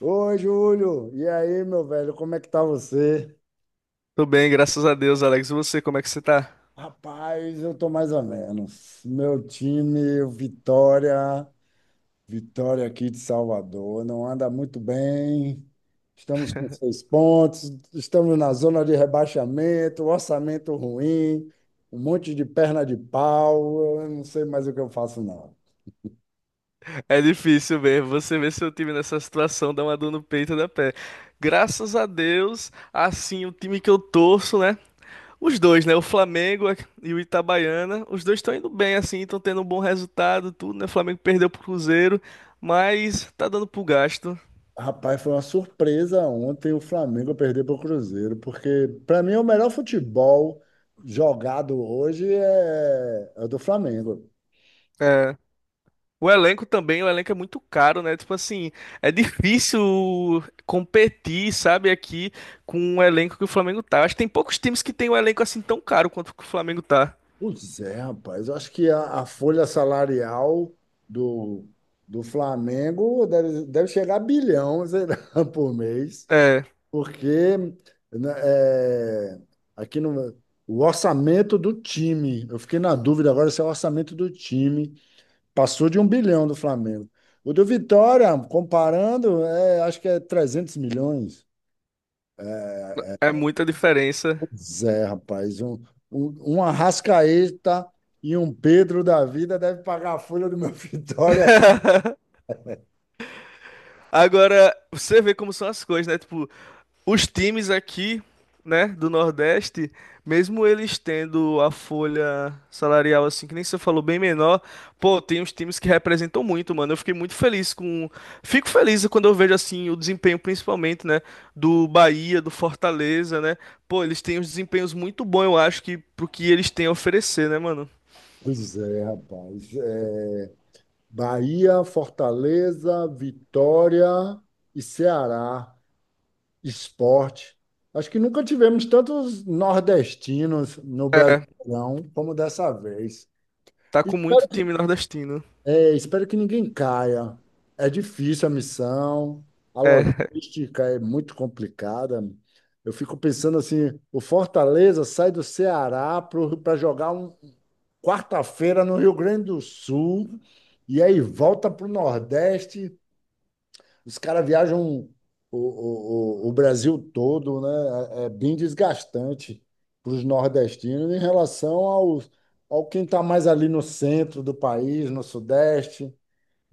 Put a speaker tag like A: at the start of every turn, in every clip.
A: Oi, Júlio. E aí, meu velho, como é que tá você?
B: Tô bem, graças a Deus, Alex. E você, como é que você tá?
A: Rapaz, eu tô mais ou menos. Meu time, o Vitória, Vitória aqui de Salvador, não anda muito bem. Estamos com 6 pontos, estamos na zona de rebaixamento, orçamento ruim, um monte de perna de pau. Eu não sei mais o que eu faço, não.
B: É difícil mesmo. Você ver seu time nessa situação dá uma dor no peito da pé. Graças a Deus, assim, o time que eu torço, né? Os dois, né? O Flamengo e o Itabaiana. Os dois estão indo bem, assim, estão tendo um bom resultado, tudo, né? O Flamengo perdeu pro Cruzeiro, mas tá dando pro gasto.
A: Rapaz, foi uma surpresa ontem o Flamengo perder para o Cruzeiro, porque para mim o melhor futebol jogado hoje é o do Flamengo.
B: O elenco também, o elenco é muito caro, né? Tipo assim, é difícil competir, sabe, aqui com o elenco que o Flamengo tá. Acho que tem poucos times que tem um elenco assim tão caro quanto que o Flamengo tá.
A: Pois é, rapaz, eu acho que a folha salarial do, do Flamengo deve chegar a bilhão, sei lá, por mês,
B: É,
A: porque né, aqui no, o orçamento do time, eu fiquei na dúvida agora se é o orçamento do time passou de 1 bilhão do Flamengo. O do Vitória, comparando, acho que é 300 milhões.
B: é muita diferença.
A: Pois é, rapaz. Um Arrascaeta e um Pedro da vida deve pagar a folha do meu Vitória.
B: Agora, você vê como são as coisas, né? Tipo, os times aqui, né, do Nordeste, mesmo eles tendo a folha salarial, assim, que nem você falou, bem menor, pô, tem uns times que representam muito, mano. Eu fiquei muito feliz com. Fico feliz quando eu vejo, assim, o desempenho, principalmente, né, do Bahia, do Fortaleza, né. Pô, eles têm uns desempenhos muito bons, eu acho, que pro que eles têm a oferecer, né, mano?
A: Pois é, rapaz. Bahia, Fortaleza, Vitória e Ceará. Esporte. Acho que nunca tivemos tantos nordestinos no
B: É,
A: Brasileirão como dessa vez.
B: tá com muito time nordestino.
A: Espero que ninguém caia. É difícil a missão, a
B: É,
A: logística é muito complicada. Eu fico pensando assim, o Fortaleza sai do Ceará para jogar um quarta-feira no Rio Grande do Sul e aí volta para o Nordeste. Os caras viajam o Brasil todo, né? É bem desgastante para os nordestinos em relação ao quem está mais ali no centro do país, no Sudeste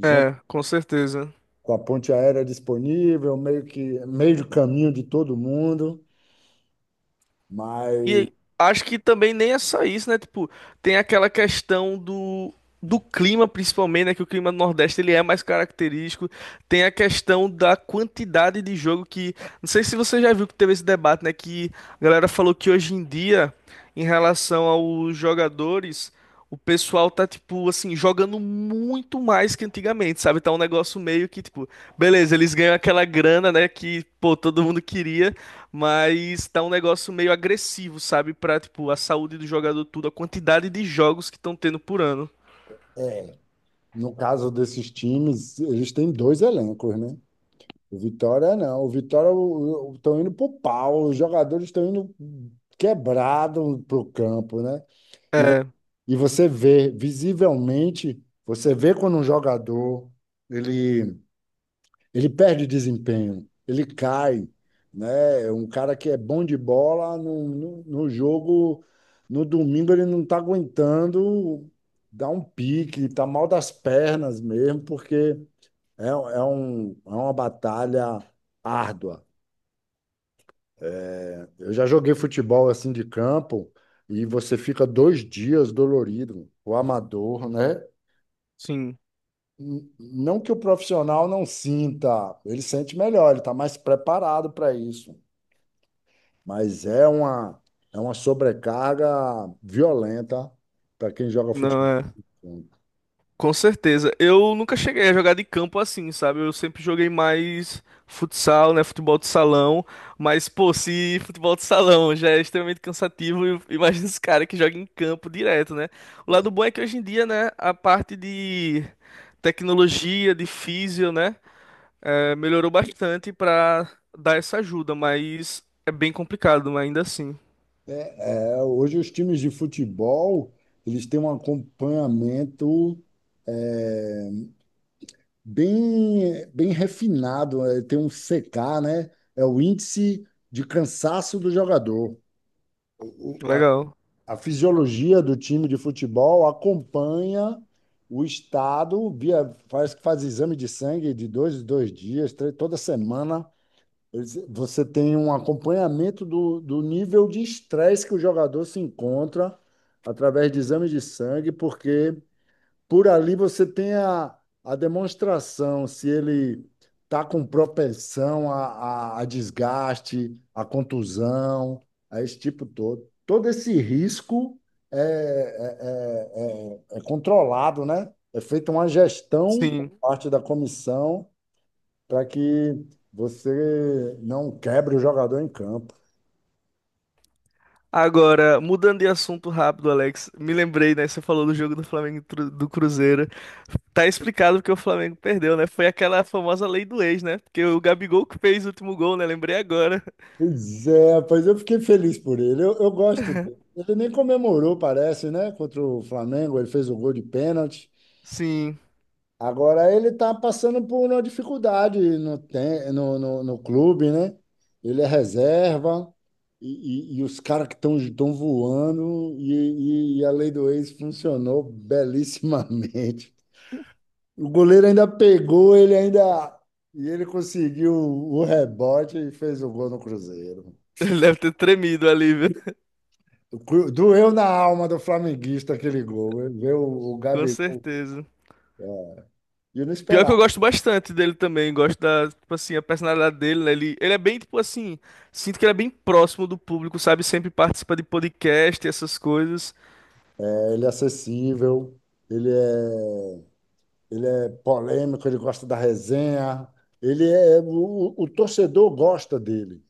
B: é, com certeza.
A: com a ponte aérea disponível, meio que meio do caminho de todo mundo. Mas
B: E acho que também nem é só isso, né? Tipo, tem aquela questão do clima, principalmente, né? Que o clima do Nordeste ele é mais característico. Tem a questão da quantidade de jogo que. Não sei se você já viu que teve esse debate, né? Que a galera falou que hoje em dia, em relação aos jogadores, o pessoal tá, tipo, assim, jogando muito mais que antigamente, sabe? Tá um negócio meio que, tipo, beleza, eles ganham aquela grana, né? Que, pô, todo mundo queria. Mas tá um negócio meio agressivo, sabe? Pra, tipo, a saúde do jogador, tudo, a quantidade de jogos que estão tendo por ano.
A: é, no caso desses times, eles têm dois elencos, né? O Vitória não. O Vitória estão indo pro pau, os jogadores estão indo quebrados pro campo, né? E, vo-
B: É,
A: e você vê, visivelmente, você vê quando um jogador ele Ele perde desempenho, ele cai, né? É um cara que é bom de bola no jogo, no domingo ele não está aguentando dar um pique, está mal das pernas mesmo, porque é uma batalha árdua. Eu já joguei futebol assim de campo e você fica 2 dias dolorido, o amador, né?
B: sim.
A: Não que o profissional não sinta, ele sente melhor, ele está mais preparado para isso. Mas é uma sobrecarga violenta para quem joga
B: Não
A: futebol.
B: é. Com certeza. Eu nunca cheguei a jogar de campo assim, sabe? Eu sempre joguei mais futsal, né? Futebol de salão. Mas, pô, se futebol de salão já é extremamente cansativo, imagina os caras que jogam em campo direto, né? O lado bom é que hoje em dia, né, a parte de tecnologia, de físio, né? É, melhorou bastante pra dar essa ajuda, mas é bem complicado, mas ainda assim.
A: Hoje os times de futebol, eles têm um acompanhamento bem refinado, tem um CK, né? É o índice de cansaço do jogador. A
B: Legal.
A: a fisiologia do time de futebol acompanha o estado, faz exame de sangue de 2 em 2 dias, toda semana. Você tem um acompanhamento do nível de estresse que o jogador se encontra através de exames de sangue, porque por ali você tem a demonstração se ele está com propensão a desgaste, a contusão, a esse tipo todo. Todo esse risco é controlado, né? É feita uma gestão por
B: Sim.
A: parte da comissão para que você não quebre o jogador em campo.
B: Agora, mudando de assunto rápido, Alex, me lembrei, né? Você falou do jogo do Flamengo e do Cruzeiro. Tá explicado porque o Flamengo perdeu, né? Foi aquela famosa lei do ex, né? Porque o Gabigol que fez o último gol, né? Lembrei agora.
A: Pois é, rapaz, eu fiquei feliz por ele. Eu gosto dele. Ele nem comemorou, parece, né? Contra o Flamengo, ele fez o gol de pênalti.
B: Sim.
A: Agora ele está passando por uma dificuldade no clube, né? Ele é reserva e os caras que estão voando e a lei do ex funcionou belíssimamente. O goleiro ainda pegou, ele ainda. E ele conseguiu o rebote e fez o gol no Cruzeiro.
B: Ele deve ter tremido ali, viu?
A: Doeu na alma do flamenguista aquele gol. Ele vê o
B: Com
A: Gabigol.
B: certeza.
A: É, E eu não
B: Pior que
A: esperava.
B: eu gosto bastante dele também, gosto da, tipo assim, a personalidade dele, né? Ele é bem, tipo assim, sinto que ele é bem próximo do público, sabe? Sempre participa de podcast e essas coisas.
A: Ele é acessível, ele é, ele é polêmico, ele gosta da resenha. Ele é. O torcedor gosta dele.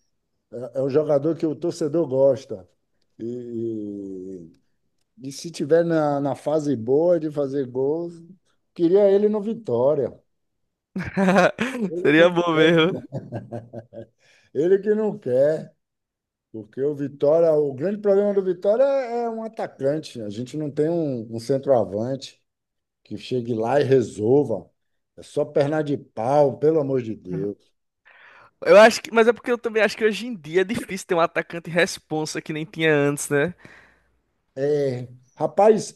A: É um jogador que o torcedor gosta. E, E se tiver na fase boa de fazer gols, queria ele no Vitória. Ele que
B: Seria
A: não
B: bom
A: quer.
B: mesmo.
A: Ele que não quer. Porque o Vitória, o grande problema do Vitória é um atacante. A gente não tem um centroavante que chegue lá e resolva. É só perna de pau, pelo amor de Deus.
B: Eu acho que, mas é porque eu também acho que hoje em dia é difícil ter um atacante responsa que nem tinha antes, né?
A: É, Rapaz,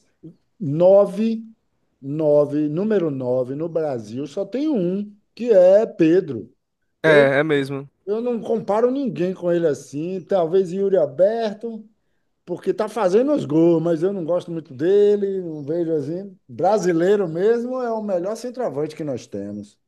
A: nove, número 9 no Brasil só tem um, que é Pedro. Eu
B: É, é mesmo.
A: Eu não comparo ninguém com ele assim. Talvez Yuri Alberto, porque tá fazendo os gols, mas eu não gosto muito dele, não vejo assim. Brasileiro mesmo é o melhor centroavante que nós temos.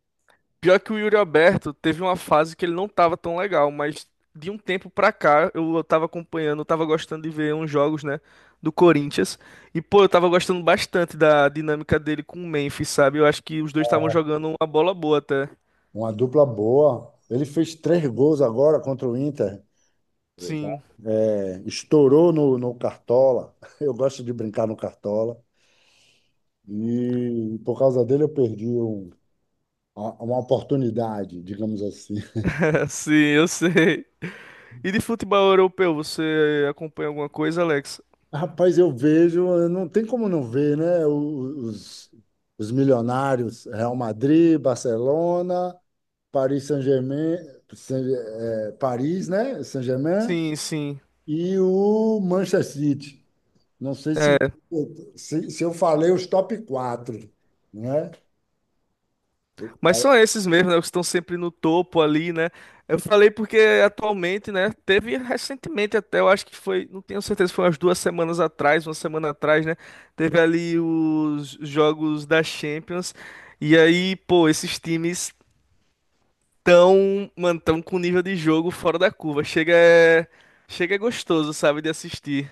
B: Pior que o Yuri Alberto teve uma fase que ele não tava tão legal, mas de um tempo pra cá eu tava acompanhando, eu tava gostando de ver uns jogos, né, do Corinthians. E pô, eu tava gostando bastante da dinâmica dele com o Memphis, sabe? Eu acho que os dois estavam jogando uma bola boa até.
A: Uma dupla boa. Ele fez 3 gols agora contra o Inter.
B: Sim,
A: Estourou no Cartola. Eu gosto de brincar no Cartola. E por causa dele eu perdi uma oportunidade, digamos assim.
B: sim, eu sei. E de futebol europeu, você acompanha alguma coisa, Alex?
A: Rapaz, eu vejo, não tem como não ver, né? Os milionários, Real Madrid, Barcelona, Paris Saint-Germain, Paris, né? Saint-Germain
B: Sim, sim.
A: e o Manchester City. Não sei se eu falei os top quatro, né?
B: Mas são esses mesmo, né? Os que estão sempre no topo ali, né? Eu falei porque atualmente, né? Teve recentemente até, eu acho que foi, não tenho certeza, foi umas duas semanas atrás, uma semana atrás, né? Teve ali os jogos da Champions. E aí, pô, esses times tão, mano, tão com nível de jogo fora da curva. Chega é gostoso, sabe, de assistir.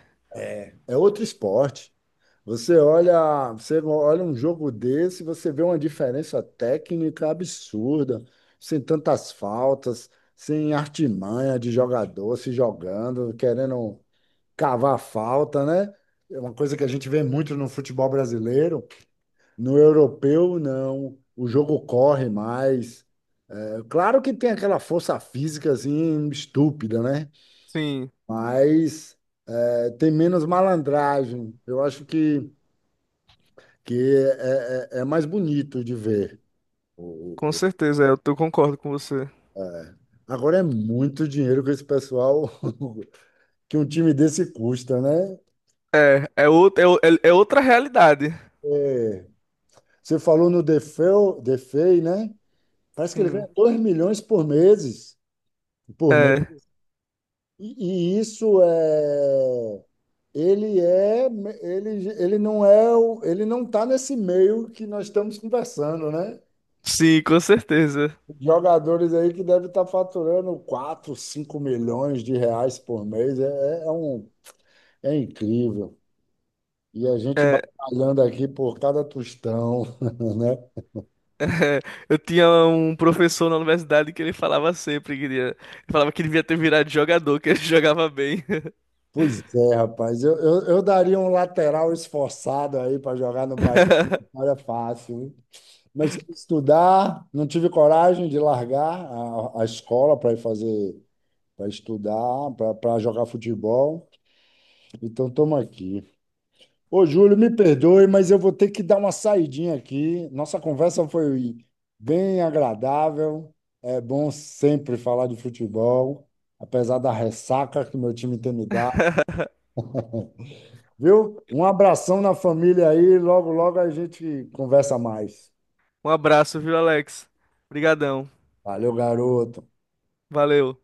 A: É outro esporte. Você olha um jogo desse, você vê uma diferença técnica absurda, sem tantas faltas, sem artimanha de jogador se jogando, querendo cavar falta, né? É uma coisa que a gente vê muito no futebol brasileiro. No europeu, não. O jogo corre mais. É claro que tem aquela força física assim estúpida, né?
B: Sim,
A: Mas tem menos malandragem. Eu acho que é mais bonito de ver. O-
B: com
A: o- o-
B: certeza, é, concordo com você.
A: Agora é muito dinheiro que esse pessoal, que um time desse custa, né?
B: É, é, é, é é outra realidade.
A: Você falou no Defeu, Defei, né? Parece que ele
B: Sim.
A: ganha 2 milhões por meses, por mês. E ele é ele, ele não é o- ele não está nesse meio que nós estamos conversando, né?
B: Sim, com certeza.
A: Jogadores aí que devem estar faturando 4, 5 milhões de reais por mês. É incrível. E a gente
B: É,
A: batalhando aqui por cada tostão, né?
B: é, eu tinha um professor na universidade que ele falava sempre que ele falava que ele devia ter virado jogador, que ele jogava bem.
A: Pois é, rapaz. Eu daria um lateral esforçado aí para jogar no Bahia. Não era fácil, hein? Mas quis estudar, não tive coragem de largar a escola para estudar, para jogar futebol. Então, estamos aqui. Ô, Júlio, me perdoe, mas eu vou ter que dar uma saidinha aqui. Nossa conversa foi bem agradável. É bom sempre falar de futebol, apesar da ressaca que meu time tem me dado, viu? Um abração na família aí, logo, logo a gente conversa mais.
B: Um abraço, viu, Alex? Obrigadão.
A: Valeu, garoto.
B: Valeu.